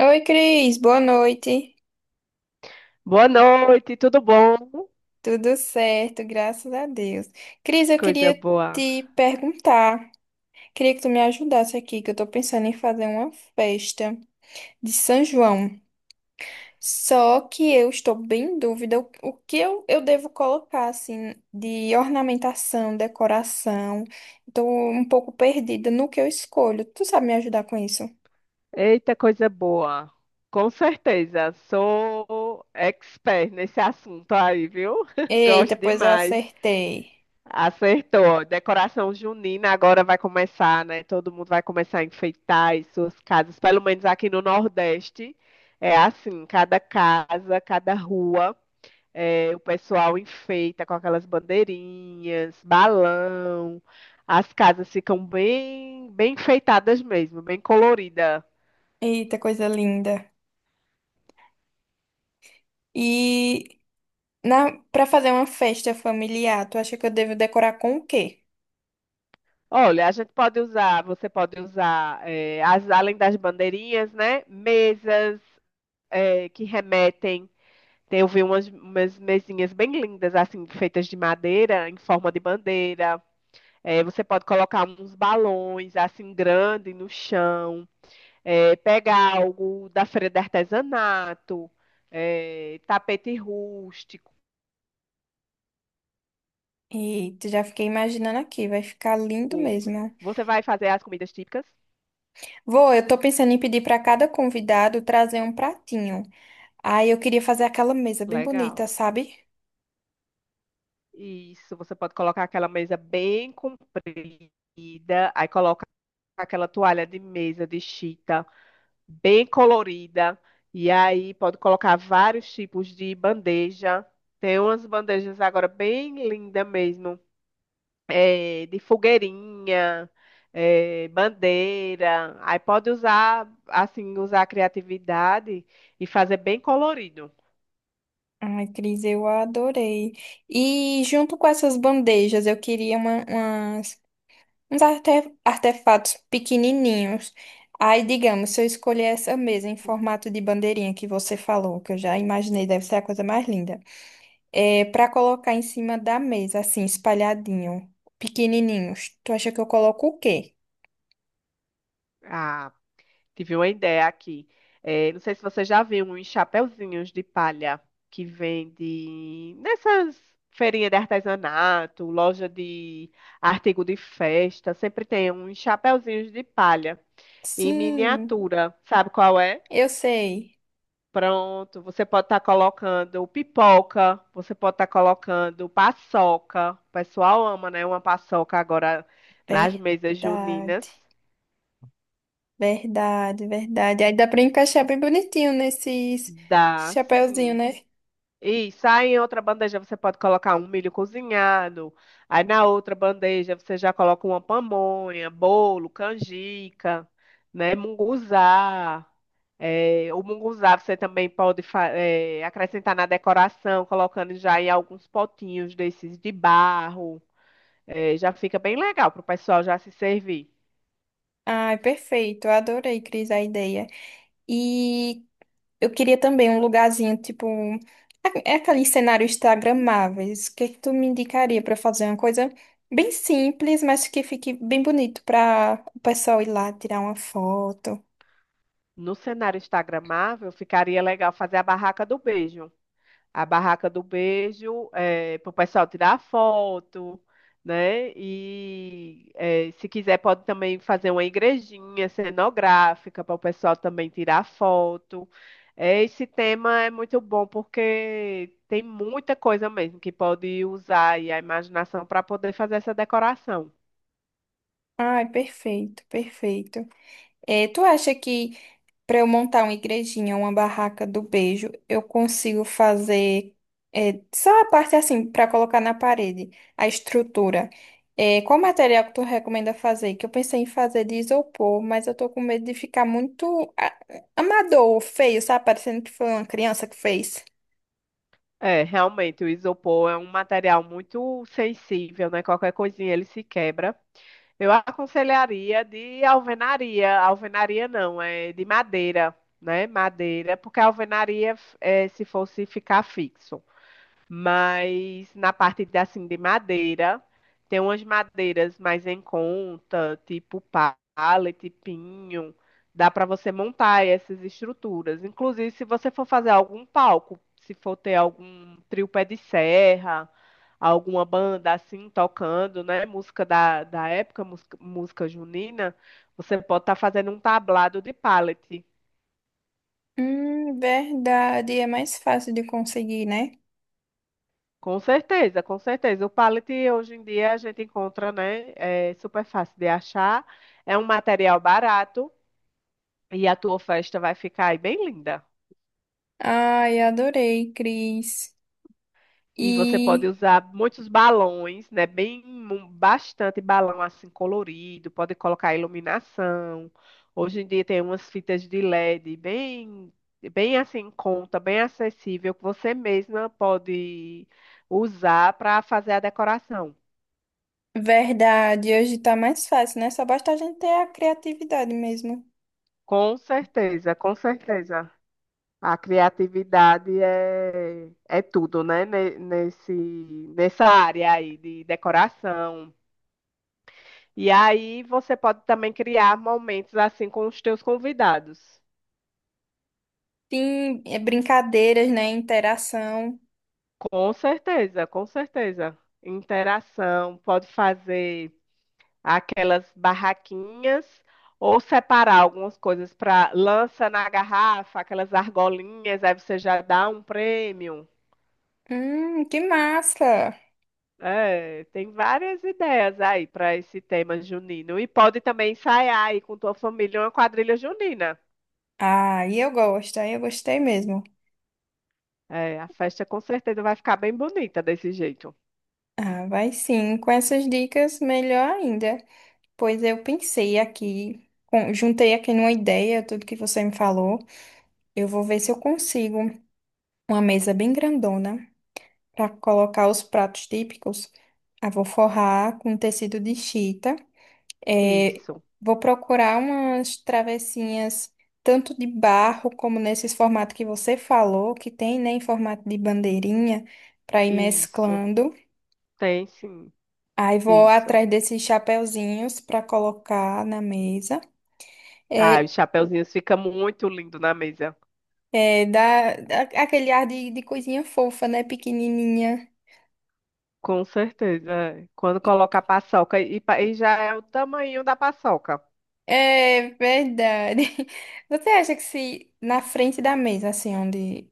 Oi, Cris, boa noite. Boa noite, tudo bom? Tudo certo, graças a Deus. Cris, eu Coisa queria boa. te perguntar, queria que tu me ajudasse aqui, que eu tô pensando em fazer uma festa de São João. Só que eu estou bem em dúvida o que eu devo colocar, assim, de ornamentação, decoração. Tô um pouco perdida no que eu escolho. Tu sabe me ajudar com isso? Eita, coisa boa. Com certeza, sou expert nesse assunto aí, viu? Eita, Gosto pois eu demais. acertei. Acertou. Decoração junina agora vai começar, né? Todo mundo vai começar a enfeitar as suas casas, pelo menos aqui no Nordeste. É assim, cada casa, cada rua. É, o pessoal enfeita com aquelas bandeirinhas, balão. As casas ficam bem enfeitadas mesmo, bem colorida. Eita, coisa linda. E Para fazer uma festa familiar, tu acha que eu devo decorar com o quê? Olha, a gente pode usar, você pode usar, é, além das bandeirinhas, né? Mesas, é, que remetem. Tem, eu vi umas mesinhas bem lindas, assim, feitas de madeira, em forma de bandeira. É, você pode colocar uns balões, assim, grande no chão. É, pega algo da feira de artesanato, é, tapete rústico. Eita, já fiquei imaginando aqui, vai ficar lindo mesmo. Você vai fazer as comidas típicas? Vou, eu tô pensando em pedir pra cada convidado trazer um pratinho. Aí eu queria fazer aquela mesa bem bonita, Legal. sabe? Isso, você pode colocar aquela mesa bem comprida, aí coloca aquela toalha de mesa de chita bem colorida, e aí pode colocar vários tipos de bandeja. Tem umas bandejas agora bem lindas mesmo. De fogueirinha, bandeira. Aí pode usar, usar a criatividade e fazer bem colorido. Ai, Cris, eu adorei. E junto com essas bandejas, eu queria uns artefatos pequenininhos. Aí, digamos, se eu escolher essa mesa em formato de bandeirinha que você falou, que eu já imaginei, deve ser a coisa mais linda. É, para colocar em cima da mesa, assim, espalhadinho, pequenininhos. Tu acha que eu coloco o quê? Ah, tive uma ideia aqui. Não sei se você já viu uns chapeuzinhos de palha que vende nessas feirinhas de artesanato, loja de artigo de festa. Sempre tem uns chapeuzinhos de palha em Sim, miniatura. Sabe qual é? eu sei. Pronto, você pode estar colocando pipoca, você pode estar colocando paçoca. O pessoal ama, né? Uma paçoca agora nas mesas juninas. Verdade, verdade, verdade. Aí dá pra encaixar bem bonitinho nesses Dá, chapéuzinho, sim. né? Isso, aí em outra bandeja você pode colocar um milho cozinhado. Aí na outra bandeja você já coloca uma pamonha, bolo, canjica, né? Munguzá. É, o munguzá você também pode acrescentar na decoração, colocando já em alguns potinhos desses de barro. É, já fica bem legal para o pessoal já se servir. Ai, perfeito. Eu adorei, Cris, a ideia. E Eu queria também um lugarzinho, tipo, é aqueles cenários instagramáveis. O que é que tu me indicaria para fazer uma coisa bem simples, mas que fique bem bonito para o pessoal ir lá tirar uma foto? No cenário instagramável, ficaria legal fazer a barraca do beijo. Para o pessoal tirar foto, né? E se quiser pode também fazer uma igrejinha cenográfica para o pessoal também tirar foto. Esse tema é muito bom porque tem muita coisa mesmo que pode usar aí a imaginação para poder fazer essa decoração. Ai, perfeito, perfeito. É, tu acha que para eu montar uma igrejinha, uma barraca do beijo, eu consigo fazer é, só a parte assim, para colocar na parede, a estrutura. É, qual material que tu recomenda fazer? Que eu pensei em fazer de isopor, mas eu tô com medo de ficar muito amador, feio, sabe? Parecendo que foi uma criança que fez. É, realmente, o isopor é um material muito sensível, né? Qualquer coisinha ele se quebra. Eu aconselharia de alvenaria. Alvenaria não, é de madeira, né? Madeira, porque a alvenaria, é, se fosse ficar fixo. Mas na parte de madeira, tem umas madeiras mais em conta, tipo pallet, pinho, dá para você montar essas estruturas. Inclusive, se você for fazer algum palco, se for ter algum trio pé de serra, alguma banda assim tocando, né, música da época, música junina, você pode estar fazendo um tablado de pallet. Verdade, é mais fácil de conseguir, né? Com certeza, com certeza. O pallet hoje em dia a gente encontra, né? É super fácil de achar. É um material barato e a tua festa vai ficar aí bem linda. Ai, adorei, Cris. E você pode E usar muitos balões, né? Bem, bastante balão assim colorido. Pode colocar iluminação. Hoje em dia tem umas fitas de LED bem assim em conta, bem acessível que você mesma pode usar para fazer a decoração. verdade, hoje tá mais fácil, né? Só basta a gente ter a criatividade mesmo. Com certeza, com certeza. A criatividade é tudo, né? Nessa área aí de decoração. E aí você pode também criar momentos assim com os teus convidados. Sim, é brincadeiras, né? Interação. Com certeza, com certeza. Interação, pode fazer aquelas barraquinhas ou separar algumas coisas para lança na garrafa, aquelas argolinhas, aí você já dá um prêmio. Que massa! É, tem várias ideias aí para esse tema junino. E pode também ensaiar aí com tua família uma quadrilha junina. Ah, e eu gosto, aí eu gostei mesmo. É, a festa com certeza vai ficar bem bonita desse jeito. Ah, vai sim, com essas dicas, melhor ainda. Pois eu pensei aqui, juntei aqui numa ideia, tudo que você me falou. Eu vou ver se eu consigo uma mesa bem grandona para colocar os pratos típicos. Ah, vou forrar com tecido de chita. É, Isso, vou procurar umas travessinhas tanto de barro como nesses formato que você falou, que tem, né, em formato de bandeirinha, para ir isso. mesclando. Tem sim, Aí vou isso. atrás desses chapeuzinhos para colocar na mesa. Ah, É, os chapeuzinhos ficam muito lindo na mesa. Dá aquele ar de coisinha fofa, né, pequenininha. Com certeza. É. Quando coloca a paçoca, e já é o tamanho da paçoca. É verdade. Você acha que se na frente da mesa, assim, onde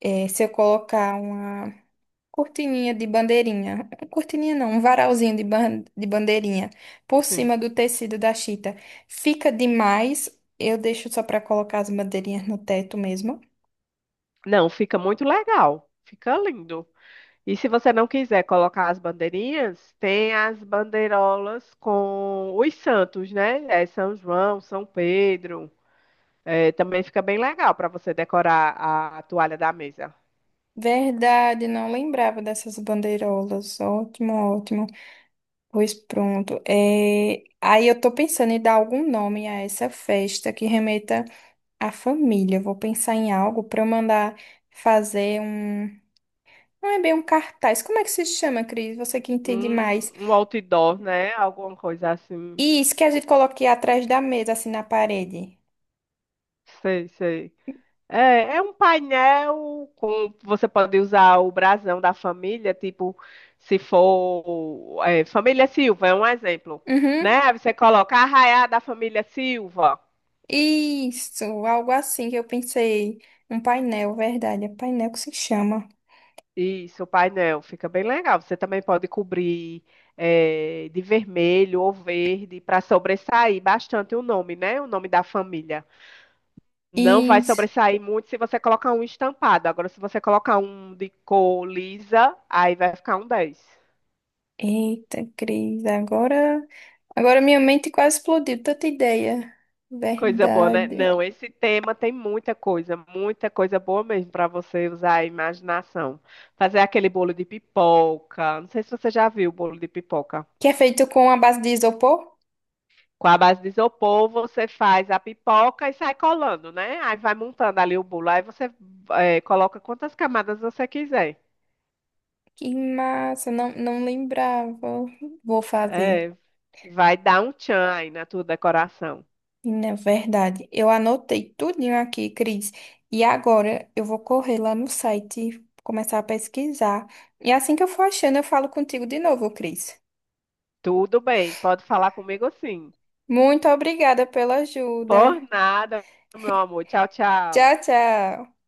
é, se eu colocar uma cortininha de bandeirinha, um cortininha não, um varalzinho de bandeirinha por Sim. cima do tecido da chita, fica demais? Eu deixo só pra colocar as bandeirinhas no teto mesmo. Não, fica muito legal. Fica lindo. E se você não quiser colocar as bandeirinhas, tem as bandeirolas com os santos, né? É São João, São Pedro. É, também fica bem legal para você decorar a toalha da mesa. Verdade, não lembrava dessas bandeirolas. Ótimo, ótimo. Pois pronto. É, aí eu tô pensando em dar algum nome a essa festa que remeta à família. Eu vou pensar em algo para eu mandar fazer um. Não é bem um cartaz. Como é que se chama, Cris? Você que entende mais. Um outdoor, né? Alguma coisa assim. Isso que a gente coloque atrás da mesa, assim na parede. Sei, sei. É, é um painel com você pode usar o brasão da família, tipo, se for é, família Silva, é um exemplo, Uhum. né? Aí você coloca a arraiá da família Silva. Isso, algo assim que eu pensei. Um painel, verdade. É painel que se chama. Isso, o painel fica bem legal. Você também pode cobrir de vermelho ou verde para sobressair bastante o nome, né? O nome da família. Não vai Isso. sobressair muito se você colocar um estampado. Agora, se você colocar um de cor lisa, aí vai ficar um 10. Eita, Cris, agora, agora minha mente quase explodiu, tanta ideia. Coisa boa, né? Verdade. Não, esse tema tem muita coisa boa mesmo para você usar a imaginação. Fazer aquele bolo de pipoca. Não sei se você já viu o bolo de pipoca. Que é feito com a base de isopor? Com a base de isopor, você faz a pipoca e sai colando, né? Aí vai montando ali o bolo. Aí você coloca quantas camadas você quiser. Que massa, não, não lembrava. Vou fazer. É, vai dar um tchan aí na tua decoração. E na verdade, eu anotei tudinho aqui, Cris. E agora eu vou correr lá no site, começar a pesquisar. E assim que eu for achando, eu falo contigo de novo, Cris. Tudo bem, pode falar comigo sim. Muito obrigada pela ajuda. Por nada, meu amor. Tchau, tchau. Tchau, tchau.